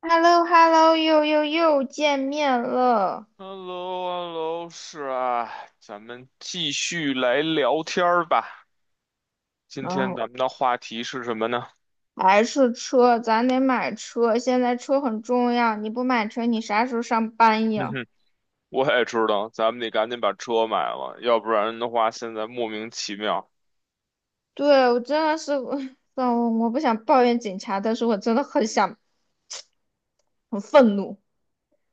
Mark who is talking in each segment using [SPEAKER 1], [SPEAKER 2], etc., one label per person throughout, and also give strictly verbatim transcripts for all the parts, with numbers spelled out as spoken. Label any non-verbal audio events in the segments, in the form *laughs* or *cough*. [SPEAKER 1] h e l l o h e l l o 又又又见面了。
[SPEAKER 2] 哈喽，l l o h e l l o 是啊，咱们继续来聊天儿吧。今
[SPEAKER 1] 然
[SPEAKER 2] 天
[SPEAKER 1] 后
[SPEAKER 2] 咱们的话题是什么呢？
[SPEAKER 1] 还是车，咱得买车，现在车很重要，你不买车，你啥时候上班
[SPEAKER 2] 哼
[SPEAKER 1] 呀？
[SPEAKER 2] 哼，我也知道，咱们得赶紧把车买了，要不然的话，现在莫名其妙，
[SPEAKER 1] 对，我真的是，*laughs* 算了，我不想抱怨警察，但是我真的很想，很愤怒，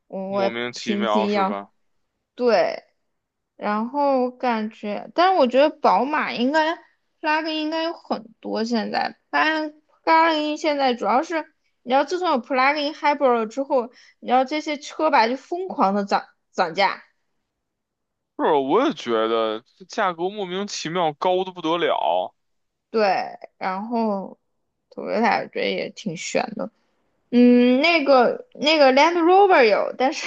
[SPEAKER 1] 我
[SPEAKER 2] 莫
[SPEAKER 1] 我
[SPEAKER 2] 名其
[SPEAKER 1] 平
[SPEAKER 2] 妙
[SPEAKER 1] 平
[SPEAKER 2] 是
[SPEAKER 1] 要，
[SPEAKER 2] 吧？
[SPEAKER 1] 对，然后感觉，但是我觉得宝马应该拉丁应该有很多。现在但 p l u g 拉丁现在主要是，你知道自从有 plug-in hybrid 了之后，你知道这些车吧就疯狂的涨涨价。
[SPEAKER 2] 是，我也觉得这价格莫名其妙高的不得了，
[SPEAKER 1] 对，然后 Toyota 我觉得也挺悬的。嗯，那个那个 Land Rover 有，但是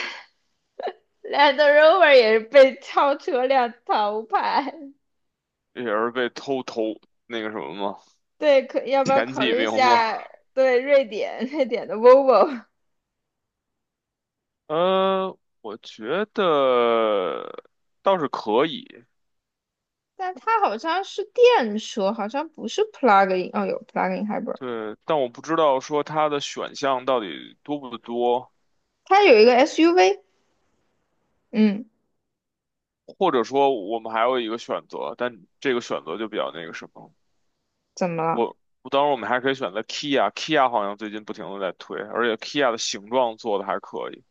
[SPEAKER 1] *laughs* Land Rover 也是被超车辆淘汰。
[SPEAKER 2] 也是被偷偷那个什么吗？
[SPEAKER 1] *laughs* 对，可要不要
[SPEAKER 2] 前
[SPEAKER 1] 考
[SPEAKER 2] 几
[SPEAKER 1] 虑一
[SPEAKER 2] 名吗？
[SPEAKER 1] 下？对，瑞典瑞典的 Volvo。
[SPEAKER 2] 呃，我觉得倒是可以。
[SPEAKER 1] 但它好像是电车，好像不是 plug-in。哦，有 plug-in hybrid，
[SPEAKER 2] 对，但我不知道说它的选项到底多不多，
[SPEAKER 1] 它有一个 S U V。嗯，
[SPEAKER 2] 或者说我们还有一个选择，但这个选择就比较那个什么。
[SPEAKER 1] 怎么了？
[SPEAKER 2] 我，我当然我们还可以选择 Kia，Kia 好像最近不停的在推，而且 Kia 的形状做的还可以，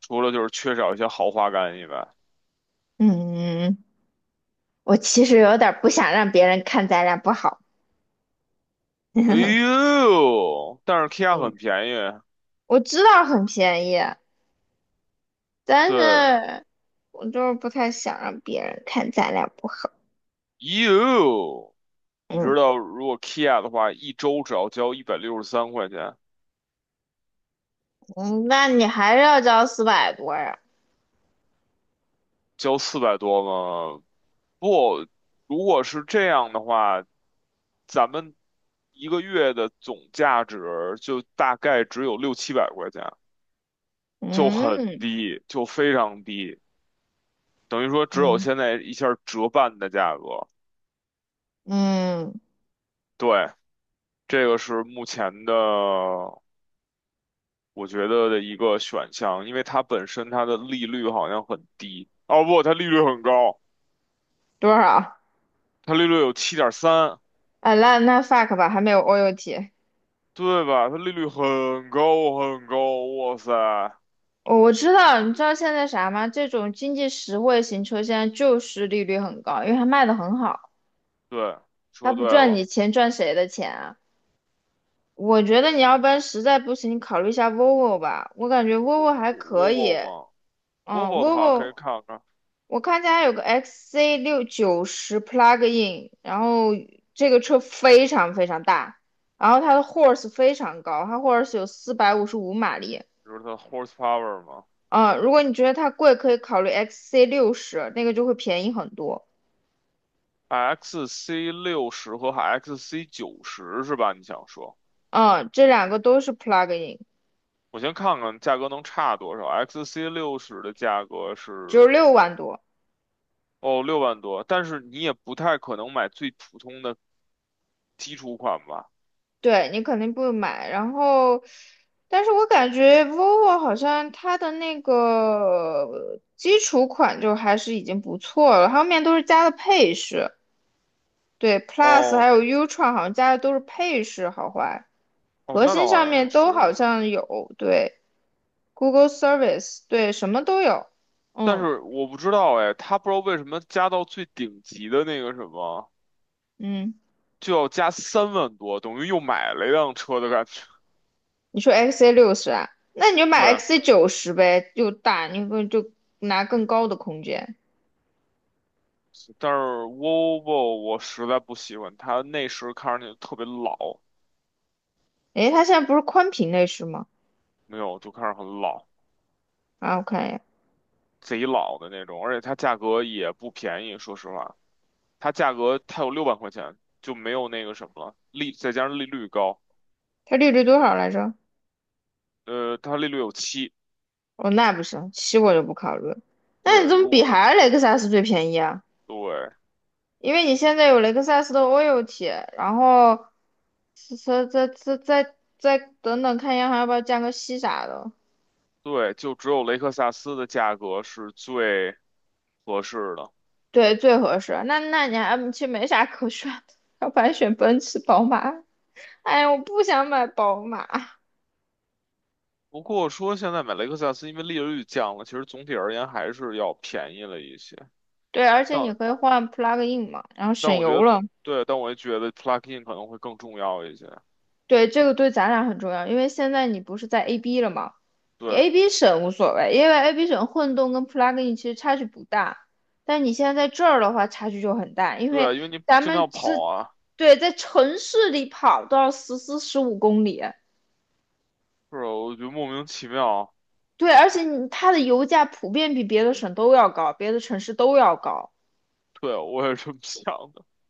[SPEAKER 2] 除了就是缺少一些豪华感以外。
[SPEAKER 1] 嗯，我其实有点儿不想让别人看咱俩不好。
[SPEAKER 2] 哎
[SPEAKER 1] *laughs*
[SPEAKER 2] 呦，但是 Kia
[SPEAKER 1] 嗯，
[SPEAKER 2] 很便宜，
[SPEAKER 1] 我知道很便宜，但
[SPEAKER 2] 对，哎
[SPEAKER 1] 是我就是不太想让别人看咱俩不好。
[SPEAKER 2] 呦，你
[SPEAKER 1] 嗯。
[SPEAKER 2] 知道如果 Kia 的话，一周只要交一百六十三块钱，
[SPEAKER 1] 嗯，那你还是要交四百多呀？
[SPEAKER 2] 交四百多吗？不，如果是这样的话，咱们一个月的总价值就大概只有六七百块钱，就很
[SPEAKER 1] 嗯。
[SPEAKER 2] 低，就非常低，等于说只有
[SPEAKER 1] 嗯。
[SPEAKER 2] 现在一下折半的价格。
[SPEAKER 1] 嗯，
[SPEAKER 2] 对，这个是目前的我觉得的一个选项，因为它本身它的利率好像很低，哦不，它利率很高，
[SPEAKER 1] 多少？
[SPEAKER 2] 它利率有七点三，
[SPEAKER 1] 啊，那那 fuck 吧，还没有 O U T。
[SPEAKER 2] 对吧？它利率很高很高，哇塞！
[SPEAKER 1] 哦，我知道，你知道现在啥吗？这种经济实惠型车现在就是利率很高，因为它卖的很好，
[SPEAKER 2] 对，
[SPEAKER 1] 它
[SPEAKER 2] 说对
[SPEAKER 1] 不赚
[SPEAKER 2] 了
[SPEAKER 1] 你钱，赚谁的钱啊？我觉得你要不然实在不行，你考虑一下 Volvo 吧，我感觉 Volvo 还可以。
[SPEAKER 2] ，Volvo 嘛
[SPEAKER 1] 嗯
[SPEAKER 2] ，Volvo 的话可以
[SPEAKER 1] ，Volvo，
[SPEAKER 2] 看看，比
[SPEAKER 1] 我看见还有个 X C 六九十 Plug-in，然后这个车非常非常大，然后它的 horse 非常高，它 horse 有四百五十五马力。
[SPEAKER 2] 如它的 horsepower 嘛
[SPEAKER 1] 嗯，如果你觉得它贵，可以考虑 X C 六十，那个就会便宜很多。
[SPEAKER 2] ，X C 六十和 X C 九十是吧？你想说，
[SPEAKER 1] 嗯，这两个都是 plug-in，
[SPEAKER 2] 我先看看价格能差多少？XC 六十的价格
[SPEAKER 1] 只有
[SPEAKER 2] 是
[SPEAKER 1] 六万多，
[SPEAKER 2] 哦六万多，但是你也不太可能买最普通的基础款吧？
[SPEAKER 1] 对你肯定不买。然后，但是我感觉 vivo 好像它的那个基础款就还是已经不错了，后面都是加的配饰，对，Plus 还
[SPEAKER 2] 哦
[SPEAKER 1] 有 Ultra 好像加的都是配饰，好坏，
[SPEAKER 2] 哦，
[SPEAKER 1] 核
[SPEAKER 2] 那倒
[SPEAKER 1] 心
[SPEAKER 2] 好
[SPEAKER 1] 上
[SPEAKER 2] 像也
[SPEAKER 1] 面
[SPEAKER 2] 是，
[SPEAKER 1] 都好像有，对，Google Service，对，什么都有，
[SPEAKER 2] 但
[SPEAKER 1] 嗯。
[SPEAKER 2] 是我不知道哎，它不知道为什么加到最顶级的那个什么。
[SPEAKER 1] 嗯。
[SPEAKER 2] 就要加三万多，等于又买了一辆车的感觉。
[SPEAKER 1] 你说 X A 六十啊？那你就买
[SPEAKER 2] 对，
[SPEAKER 1] X A 九十呗，又大，你不就拿更高的空间？
[SPEAKER 2] 但是 Volvo 我实在不喜欢，它内饰看上去特别老，
[SPEAKER 1] 诶，它现在不是宽屏内饰吗？
[SPEAKER 2] 没有就看着很老，
[SPEAKER 1] 啊，我看一眼，
[SPEAKER 2] 贼老的那种，而且它价格也不便宜，说实话，它价格它有六万块钱，就没有那个什么了，利再加上利率高，
[SPEAKER 1] 它利率多少来着？
[SPEAKER 2] 呃，它利率有七，
[SPEAKER 1] 哦，那不行，七我就不考虑了。那你
[SPEAKER 2] 对，
[SPEAKER 1] 怎么
[SPEAKER 2] 如
[SPEAKER 1] 比
[SPEAKER 2] 果
[SPEAKER 1] 还是雷克萨斯最便宜啊？
[SPEAKER 2] 对
[SPEAKER 1] 因为你现在有雷克萨斯的 o i l t 然后再再再再再等等看一下，还要不要降个息啥的？
[SPEAKER 2] 对，就只有雷克萨斯的价格是最合适的。
[SPEAKER 1] 对，最合适。那那你还其实没啥可选的，*laughs* 要不然选奔驰、宝马。哎，呀，我不想买宝马。
[SPEAKER 2] 不过说现在买雷克萨斯，因为利率降了，其实总体而言还是要便宜了一些。
[SPEAKER 1] 对，而且
[SPEAKER 2] 但
[SPEAKER 1] 你可以换 plug in 嘛，然后
[SPEAKER 2] 但
[SPEAKER 1] 省
[SPEAKER 2] 我觉
[SPEAKER 1] 油
[SPEAKER 2] 得，
[SPEAKER 1] 了。
[SPEAKER 2] 对，但我也觉得 plug-in 可能会更重要一些。
[SPEAKER 1] 对，这个对咱俩很重要，因为现在你不是在 A B 了吗？你
[SPEAKER 2] 对，
[SPEAKER 1] A B 省无所谓，因为 A B 省混动跟 plug in 其实差距不大，但你现在在这儿的话差距就很大，因
[SPEAKER 2] 对啊，
[SPEAKER 1] 为
[SPEAKER 2] 因为你
[SPEAKER 1] 咱
[SPEAKER 2] 经
[SPEAKER 1] 们
[SPEAKER 2] 常跑
[SPEAKER 1] 是，
[SPEAKER 2] 啊，
[SPEAKER 1] 对在城市里跑都要十四十五公里，
[SPEAKER 2] 是吧？我觉得莫名其妙。
[SPEAKER 1] 对，而且你它的油价普遍比别的省都要高，别的城市都要高。
[SPEAKER 2] 对，我也是这么想的。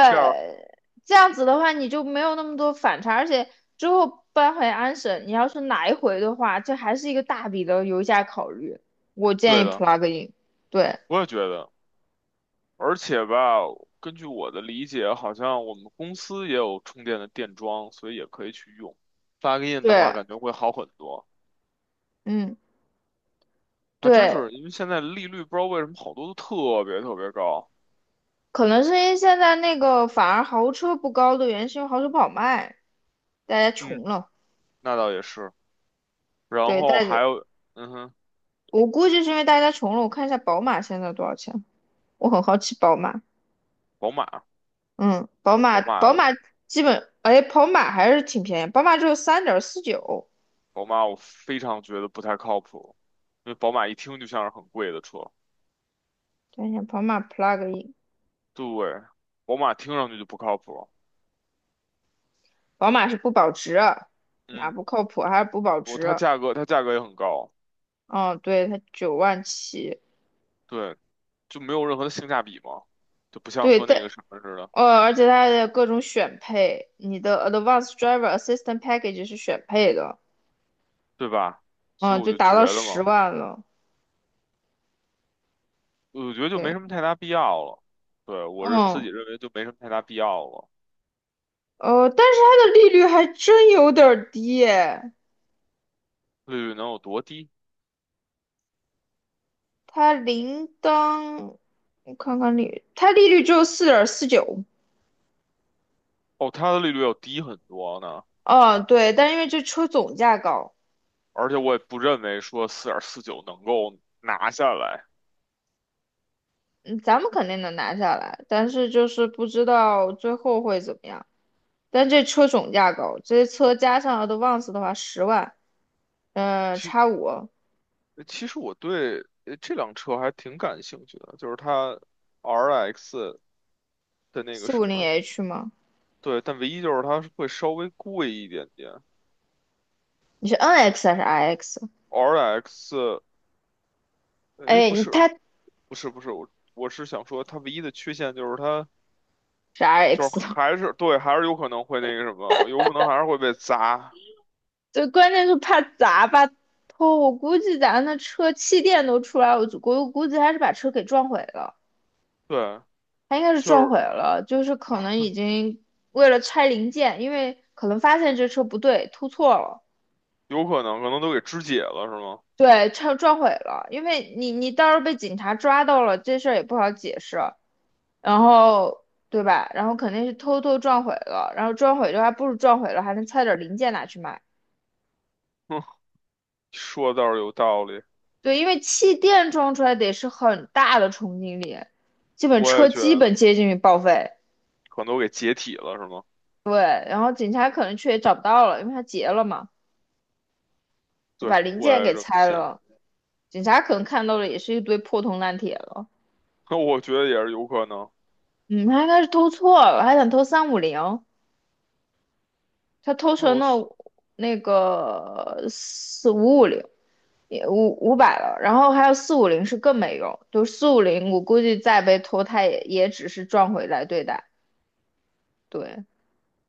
[SPEAKER 2] 这样，
[SPEAKER 1] 这样子的话你就没有那么多反差，而且之后搬回安省，你要是来回的话，这还是一个大笔的油价考虑。我建
[SPEAKER 2] 对
[SPEAKER 1] 议
[SPEAKER 2] 的，
[SPEAKER 1] plug in，对，
[SPEAKER 2] 我也觉得。而且吧，根据我的理解，好像我们公司也有充电的电桩，所以也可以去用。plug-in 的
[SPEAKER 1] 对，
[SPEAKER 2] 话，感觉会好很多。
[SPEAKER 1] 嗯，
[SPEAKER 2] 还真
[SPEAKER 1] 对，
[SPEAKER 2] 是，因为现在利率不知道为什么好多都特别特别高。
[SPEAKER 1] 可能是因为现在那个反而豪车不高的原因，是因为豪车不好卖，大家
[SPEAKER 2] 嗯，
[SPEAKER 1] 穷了。
[SPEAKER 2] 那倒也是。然
[SPEAKER 1] 对，大
[SPEAKER 2] 后
[SPEAKER 1] 家，
[SPEAKER 2] 还有，嗯哼，
[SPEAKER 1] 我估计是因为大家穷了。我看一下宝马现在多少钱，我很好奇宝马。
[SPEAKER 2] 宝马，
[SPEAKER 1] 嗯，宝马
[SPEAKER 2] 宝
[SPEAKER 1] 宝
[SPEAKER 2] 马，
[SPEAKER 1] 马基本，哎，宝马还是挺便宜，宝马只有三点四九。
[SPEAKER 2] 宝马，我非常觉得不太靠谱，因为宝马一听就像是很贵的车。
[SPEAKER 1] 等一下，宝马 plug in，
[SPEAKER 2] 对，宝马听上去就不靠谱。
[SPEAKER 1] 宝马是不保值啊，哪
[SPEAKER 2] 嗯，
[SPEAKER 1] 不靠谱？还是不保
[SPEAKER 2] 我
[SPEAKER 1] 值
[SPEAKER 2] 它
[SPEAKER 1] 啊？
[SPEAKER 2] 价格它价格也很高，
[SPEAKER 1] 嗯，对，它九万起，
[SPEAKER 2] 对，就没有任何的性价比嘛，就不像
[SPEAKER 1] 对，
[SPEAKER 2] 说
[SPEAKER 1] 但
[SPEAKER 2] 那个什么似的，
[SPEAKER 1] 呃，而且它的各种选配，你的 Advanced Driver Assistant Package 是选配的，
[SPEAKER 2] 对吧？所以
[SPEAKER 1] 嗯，
[SPEAKER 2] 我
[SPEAKER 1] 就
[SPEAKER 2] 就
[SPEAKER 1] 达
[SPEAKER 2] 觉
[SPEAKER 1] 到
[SPEAKER 2] 得
[SPEAKER 1] 十
[SPEAKER 2] 嘛，
[SPEAKER 1] 万了，
[SPEAKER 2] 我觉得就没
[SPEAKER 1] 对，
[SPEAKER 2] 什么太大必要了。对，我是自
[SPEAKER 1] 嗯，
[SPEAKER 2] 己认为就没什么太大必要了。
[SPEAKER 1] 呃，但是它的利率还真有点儿低耶，
[SPEAKER 2] 利率能有多低？
[SPEAKER 1] 它零当，我看看利，它利率只有四点四九，
[SPEAKER 2] 哦，它的利率要低很多呢，
[SPEAKER 1] 嗯，对，但因为这车总价高，
[SPEAKER 2] 而且我也不认为说四点四九能够拿下来。
[SPEAKER 1] 嗯，咱们肯定能拿下来，但是就是不知道最后会怎么样。但这车总价高，这些车加上 Advance 的话，十万，嗯、
[SPEAKER 2] 其
[SPEAKER 1] 叉五
[SPEAKER 2] 其实我对呃这辆车还挺感兴趣的，就是它 R X 的那个
[SPEAKER 1] 四
[SPEAKER 2] 什
[SPEAKER 1] 五零
[SPEAKER 2] 么，
[SPEAKER 1] H 吗？
[SPEAKER 2] 对，但唯一就是它是会稍微贵一点点。
[SPEAKER 1] 你是 N X 还是 R X？
[SPEAKER 2] R X，哎，
[SPEAKER 1] 哎，
[SPEAKER 2] 不
[SPEAKER 1] 你
[SPEAKER 2] 是，
[SPEAKER 1] 它是
[SPEAKER 2] 不是，不是，我我是想说它唯一的缺陷就是它就是
[SPEAKER 1] R X，
[SPEAKER 2] 还是对，还是有可能会那个什么，有可能还是会被砸，
[SPEAKER 1] *laughs* 这关键是怕砸吧？偷。我估计咱的车气垫都出来，我就估我估计还是把车给撞毁了，
[SPEAKER 2] 对。
[SPEAKER 1] 他应该是
[SPEAKER 2] 就
[SPEAKER 1] 撞
[SPEAKER 2] 是
[SPEAKER 1] 毁了，就是可能已经为了拆零件，因为可能发现这车不对，突错了。
[SPEAKER 2] 有可能，可能都给肢解了，是吗？
[SPEAKER 1] 对，撞撞毁了，因为你你到时候被警察抓到了，这事儿也不好解释，然后对吧？然后肯定是偷偷撞毁了，然后撞毁的话，不如撞毁了还能拆点零件拿去卖。
[SPEAKER 2] 哼，说的倒是有道理，
[SPEAKER 1] 对，因为气垫撞出来得是很大的冲击力，基本
[SPEAKER 2] 我也
[SPEAKER 1] 车
[SPEAKER 2] 觉
[SPEAKER 1] 基
[SPEAKER 2] 得，
[SPEAKER 1] 本接近于报废。
[SPEAKER 2] 可能都给解体了，是吗？
[SPEAKER 1] 对，然后警察可能去也找不到了，因为他结了嘛，就
[SPEAKER 2] 对，
[SPEAKER 1] 把零
[SPEAKER 2] 我
[SPEAKER 1] 件
[SPEAKER 2] 也
[SPEAKER 1] 给
[SPEAKER 2] 这么
[SPEAKER 1] 拆
[SPEAKER 2] 想。
[SPEAKER 1] 了。警察可能看到的也是一堆破铜烂铁了。
[SPEAKER 2] 那我觉得也是有可能。
[SPEAKER 1] 嗯，他应该是偷错了，还想偷三五零。他偷
[SPEAKER 2] 那
[SPEAKER 1] 成
[SPEAKER 2] 我是
[SPEAKER 1] 了那个四五五零，也五五百了，然后还有四五零是更没用，就四五零我估计再被偷，他也也只是赚回来对待，对，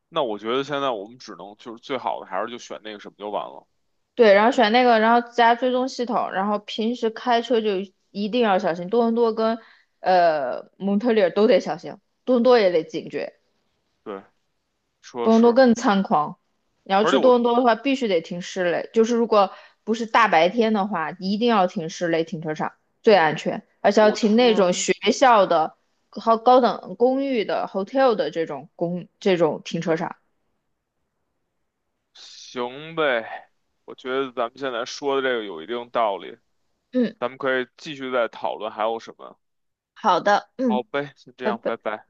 [SPEAKER 2] 那我觉得现在我们只能就是最好的还是就选那个什么就完了。
[SPEAKER 1] 对，然后选那个，然后加追踪系统，然后平时开车就一定要小心，多伦多跟呃蒙特利尔都得小心，多伦多也得警觉，
[SPEAKER 2] 对，说
[SPEAKER 1] 多伦多
[SPEAKER 2] 是，
[SPEAKER 1] 更猖狂。你要
[SPEAKER 2] 而且
[SPEAKER 1] 去多
[SPEAKER 2] 我
[SPEAKER 1] 伦多的话，必须得停室内，就是如果不是大白天的话，一定要停室内停车场，最安全，而且要
[SPEAKER 2] 我
[SPEAKER 1] 停
[SPEAKER 2] 突
[SPEAKER 1] 那种
[SPEAKER 2] 然，
[SPEAKER 1] 学校的、高高等公寓的、hotel 的这种公这种停车
[SPEAKER 2] 对，
[SPEAKER 1] 场。
[SPEAKER 2] 行呗，我觉得咱们现在说的这个有一定道理，
[SPEAKER 1] 嗯，
[SPEAKER 2] 咱们可以继续再讨论还有什么。
[SPEAKER 1] 好的，
[SPEAKER 2] 好
[SPEAKER 1] 嗯。
[SPEAKER 2] 呗，先这
[SPEAKER 1] 拜
[SPEAKER 2] 样，
[SPEAKER 1] 拜。
[SPEAKER 2] 拜拜。